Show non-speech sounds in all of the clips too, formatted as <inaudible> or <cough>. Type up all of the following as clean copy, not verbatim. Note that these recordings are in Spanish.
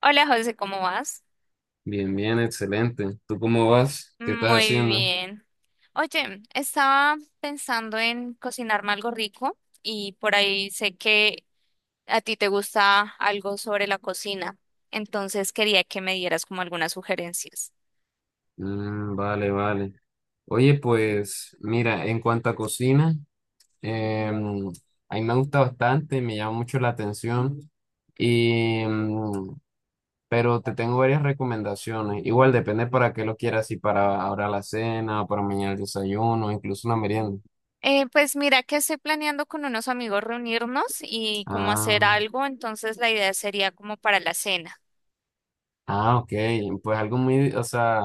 Hola José, ¿cómo vas? Bien, bien, excelente. ¿Tú cómo vas? ¿Qué estás Muy haciendo? bien. Oye, estaba pensando en cocinarme algo rico y por ahí sé que a ti te gusta algo sobre la cocina, entonces quería que me dieras como algunas sugerencias. Mm, vale, vale. Oye, pues mira, en cuanto a cocina, em, a mí me gusta bastante, me llama mucho la atención, y, pero te tengo varias recomendaciones. Igual depende para qué lo quieras, si para ahora la cena, para mañana el desayuno, incluso una merienda. Pues mira que estoy planeando con unos amigos reunirnos y como hacer Ah, algo, entonces la idea sería como para la cena. ah, ok. Pues o sea,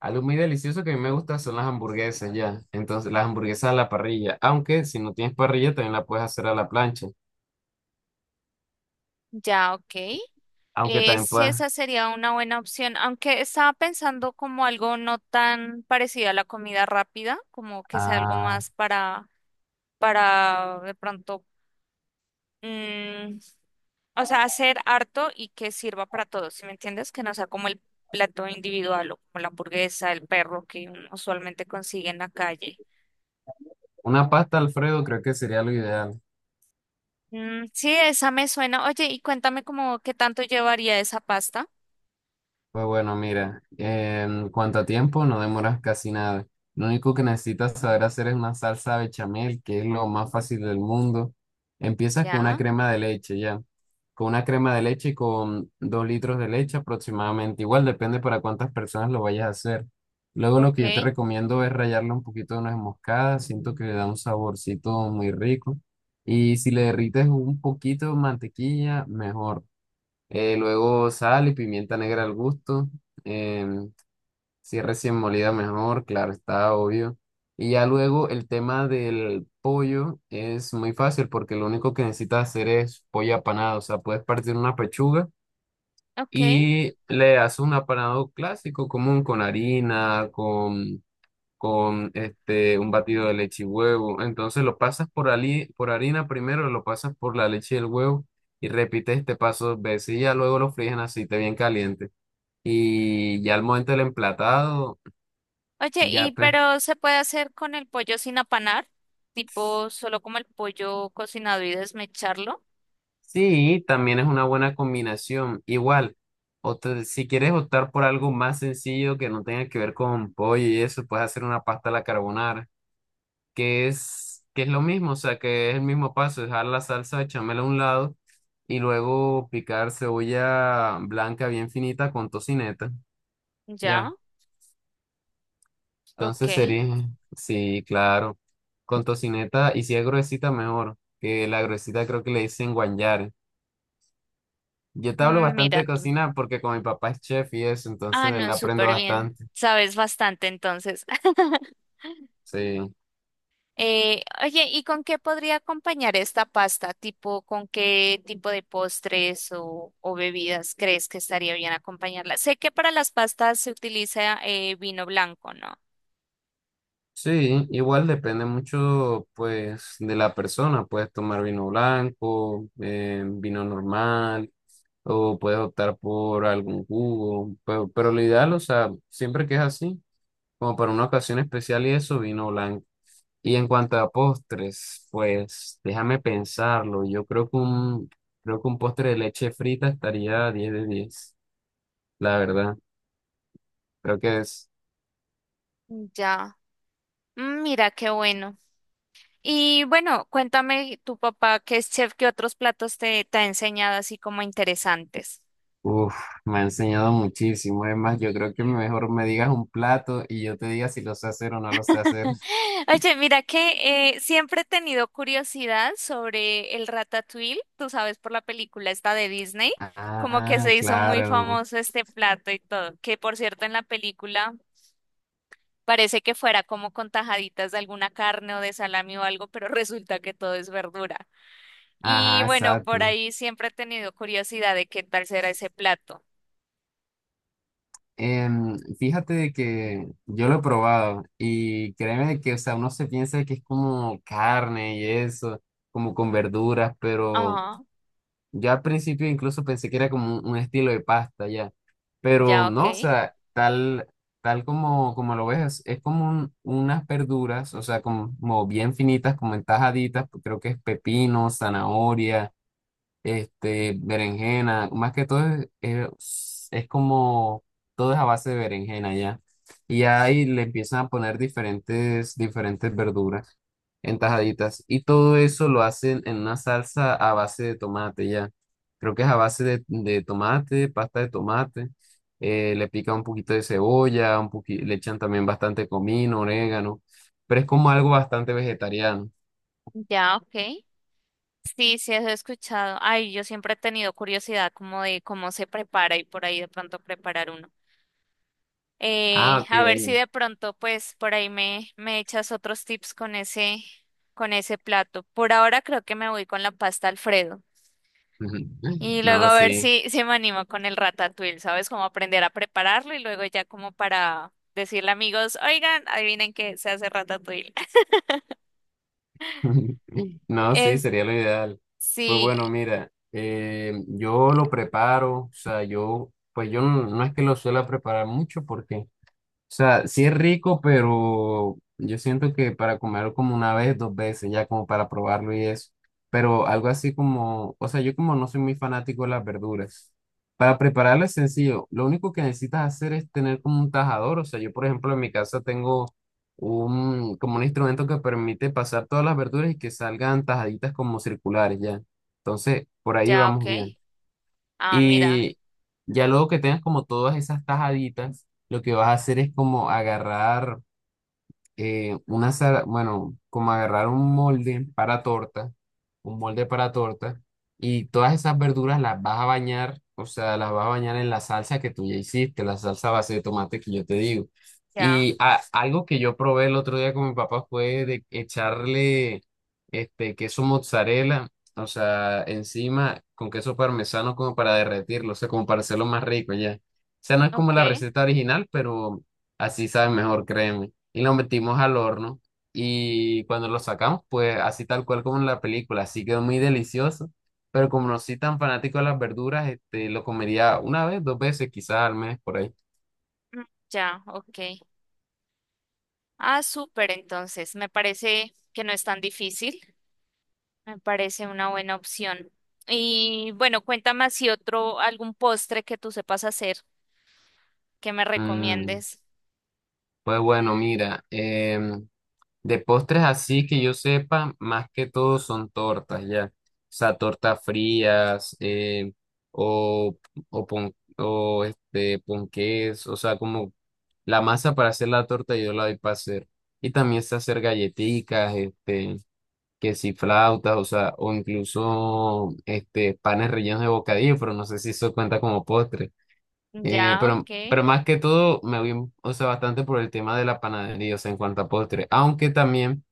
algo muy delicioso que a mí me gusta son las hamburguesas ya. Entonces, las hamburguesas a la parrilla. Aunque si no tienes parrilla, también la puedes hacer a la plancha. Ya, ok. Aunque también Sí, puedes. esa sería una buena opción, aunque estaba pensando como algo no tan parecido a la comida rápida, como que sea algo Ah, más para de pronto, mm, o sea, hacer harto y que sirva para todos, ¿sí me entiendes? Que no sea como el plato individual o como la hamburguesa, el perro que uno usualmente consigue en la calle. una pasta Alfredo creo que sería lo ideal. Mm, sí, esa me suena. Oye, y cuéntame como qué tanto llevaría esa pasta. Pues bueno, mira, en cuanto a tiempo, no demoras casi nada. Lo único que necesitas saber hacer es una salsa bechamel, que es lo más fácil del mundo. Empiezas con una Ya, crema de leche, ya. Con una crema de leche y con 2 litros de leche aproximadamente. Igual depende para cuántas personas lo vayas a hacer. Luego lo ok, que yo te recomiendo es rallarle un poquito de nuez moscada. Siento que le da un saborcito muy rico. Y si le derrites un poquito de mantequilla, mejor. Luego sal y pimienta negra al gusto. em, si es recién molida, mejor, claro, está obvio. Y ya luego el tema del pollo es muy fácil porque lo único que necesitas hacer es pollo apanado. O sea, puedes partir una pechuga ok. y le haces un apanado clásico, común, con harina, con este, un batido de leche y huevo. Entonces lo pasas por harina primero, lo pasas por la leche y el huevo y repites este paso dos veces y ya luego lo fríes en aceite bien caliente. Y ya al momento del emplatado, Oye, ya ¿y pues. pero se puede hacer con el pollo sin apanar? Tipo, solo como el pollo cocinado y desmecharlo. Sí, también es una buena combinación. Igual, si quieres optar por algo más sencillo que no tenga que ver con pollo y eso, puedes hacer una pasta a la carbonara. Que es lo mismo, o sea, que es el mismo paso, dejar la salsa bechamel a un lado y luego picar cebolla blanca bien finita con tocineta, ya. Ya, ok. Entonces sería, sí, claro, con tocineta y si es gruesita mejor, que la gruesita creo que le dicen guanyare. Yo te hablo Mm, bastante mira de tú. cocina porque con mi papá es chef y eso, Ah, entonces de él no, aprendo súper bien. bastante, Sabes bastante entonces. <laughs> sí. Oye, ¿y con qué podría acompañar esta pasta? Tipo, ¿con qué tipo de postres o bebidas crees que estaría bien acompañarla? Sé que para las pastas se utiliza vino blanco, ¿no? Sí, igual depende mucho, pues, de la persona. Puedes tomar vino blanco, vino normal, o puedes optar por algún jugo. Pero lo ideal, o sea, siempre que es así, como para una ocasión especial y eso, vino blanco. Y en cuanto a postres, pues, déjame pensarlo. Yo creo que un postre de leche frita estaría 10 de 10. La verdad. Creo que es. Ya. Mm, mira, qué bueno. Y bueno, cuéntame tu papá, que es chef, ¿qué otros platos te ha enseñado así como interesantes? Uf, me ha enseñado muchísimo. Es más, yo creo que mejor me digas un plato y yo te diga si lo sé hacer o no lo sé hacer. <gasps> Oye, mira que siempre he tenido curiosidad sobre el Ratatouille, tú sabes, por la película esta de Disney, como que Ah, se hizo muy claro. famoso este plato y todo, que por cierto en la película parece que fuera como con tajaditas de alguna carne o de salami o algo, pero <laughs> resulta que todo es verdura. Y Ajá, bueno, por exacto. ahí siempre he tenido curiosidad de qué tal será ese plato. Fíjate de que yo lo he probado y créeme de que, o sea, uno se piensa que es como carne y eso, como con verduras, pero Ajá. ya al principio incluso pensé que era como un estilo de pasta ya, pero Ya, ok. no, o sea, tal como lo ves, es como unas verduras, o sea, como bien finitas, como entajaditas, creo que es pepino, zanahoria este, berenjena, más que todo es como, todo es a base de berenjena ya. Y ahí le empiezan a poner diferentes verduras en tajaditas. Y todo eso lo hacen en una salsa a base de tomate ya. Creo que es a base de tomate, pasta de tomate. Eh, le pican un poquito de cebolla, le echan también bastante comino, orégano. Pero es como algo bastante vegetariano. Ya, ok. <laughs> Sí, sí, eso he escuchado. Ay, yo siempre he tenido curiosidad como de cómo se prepara y por ahí de pronto preparar uno. Ah, ok. A ver si de pronto, pues, por ahí me echas otros tips con ese plato. Por ahora creo que me voy con la pasta Alfredo. <laughs> Y luego No, a ver sí. Si me animo con el ratatouille, ¿sabes? Como aprender a prepararlo y luego ya como para decirle a amigos, oigan, adivinen que se hace ratatouille. <laughs> <laughs> No, sí, Es, sería lo ideal. Pues sí, bueno, mira, yo lo preparo, o sea, yo, pues yo no, no es que lo suela preparar mucho porque o sea, sí es rico, pero yo siento que para comerlo como una vez, dos veces, ya como para probarlo y eso. Pero algo así como, o sea, yo como no soy muy fanático de las verduras. Para prepararlo es sencillo. Lo único que necesitas hacer es tener como un tajador. O sea, yo por ejemplo en mi casa tengo un, como un instrumento que permite pasar todas las verduras y que salgan tajaditas como circulares ya. Entonces, por ahí ya, ok. vamos bien. Ah, mira. Y ya luego que tengas como todas esas tajaditas, lo que vas a hacer es como agarrar bueno, como agarrar un molde para torta, y todas esas verduras las vas a bañar, o sea, las vas a bañar en la salsa que tú ya hiciste, la salsa a base de tomate que yo te digo. Ya, Y algo que yo probé el otro día con mi papá fue de echarle este queso mozzarella, o sea, encima con queso parmesano como para derretirlo, o sea, como para hacerlo más rico ya. O sea, no es como ok. la receta original, pero así sabe mejor, créeme y lo metimos al horno y cuando lo sacamos, pues así tal cual como en la película, así quedó muy delicioso, pero como no soy tan fanático de las verduras, este, lo comería una vez, dos veces, quizás al mes por ahí. mm, Ya, ok. Ah, súper, entonces. Me parece que no es tan difícil. Me parece una buena opción. Y bueno, cuéntame así otro, algún postre que tú sepas hacer que me Mm, recomiendes. pues bueno, mira, de postres así que yo sepa, más que todo son tortas, ya. O sea, tortas frías, o, o este, ponqués, o sea, como la masa para hacer la torta yo la doy para hacer. Y también sé hacer galletitas, este, que si flautas, o sea, o incluso este, panes rellenos de bocadillo, pero no sé si eso cuenta como postre. Eh, Ya, pero, ok. pero más que todo me voy, o sea, bastante por el tema de la panadería, o sea, en cuanto a postre. Aunque también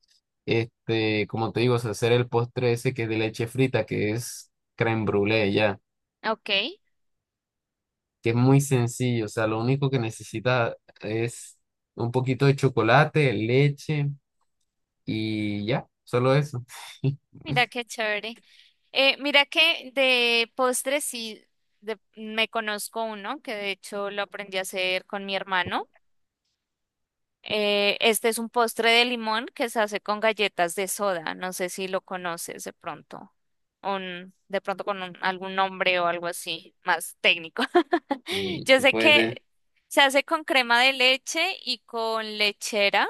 este, como te digo, o sea, hacer el postre ese que es de leche frita, que es crème brûlée ya, Ok. que es muy sencillo, o sea, lo único que necesita es un poquito de chocolate, leche y ya, solo eso. <laughs> Mira qué chévere. Mira que de postres sí me conozco uno que de hecho lo aprendí a hacer con mi hermano. Este es un postre de limón que se hace con galletas de soda. No sé si lo conoces de pronto. De pronto con algún nombre o algo así más técnico. <laughs> Y Yo sé Pues de, que se hace con crema de leche y con lechera,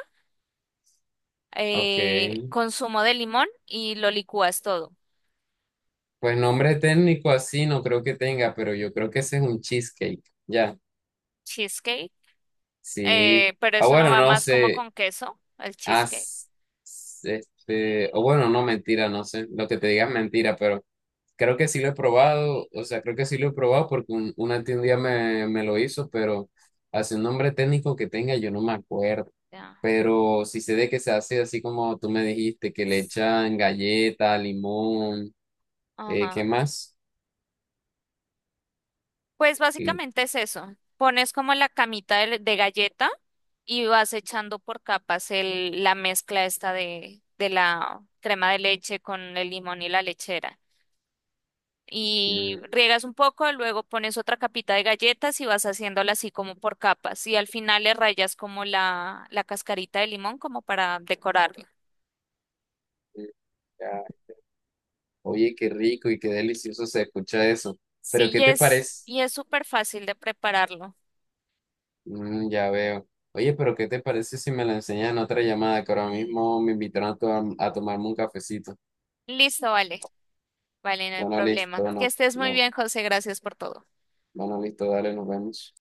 ok, con zumo de limón y lo licúas todo. pues nombre técnico así no creo que tenga, pero yo creo que ese es un cheesecake, ya, Cheesecake. sí. Pero Ah, eso no bueno, va no más como sé, con queso, el cheesecake. as, este, o bueno, no mentira, no sé, lo que te diga es mentira, pero creo que sí lo he probado, o sea, creo que sí lo he probado porque una tía un día me lo hizo, pero hace un nombre técnico que tenga, yo no me acuerdo. Ya. Pero sí sé de que se hace así como tú me dijiste, que le Sí. echan galleta, limón, ¿qué Ajá. más? Pues Y, básicamente es eso. Pones como la camita de galleta y vas echando por capas la mezcla esta de la crema de leche con el limón y la lechera. Y mm, riegas un poco, luego pones otra capita de galletas y vas haciéndola así como por capas. Y al final le rayas como la cascarita de limón como para decorarla. mm, ya. Oye, qué rico y qué delicioso se escucha eso. Pero ¿qué te parece? Y es súper fácil de prepararlo. Mm, ya veo. Oye, pero ¿qué te parece si me la enseñan en otra llamada? Que ahora mismo me invitaron a, a tomarme un cafecito. Listo, vale. Vale, no hay Bueno, problema. listo, Que no, estés muy no, bien, José. Gracias por todo. bueno, listo, dale, nos vemos.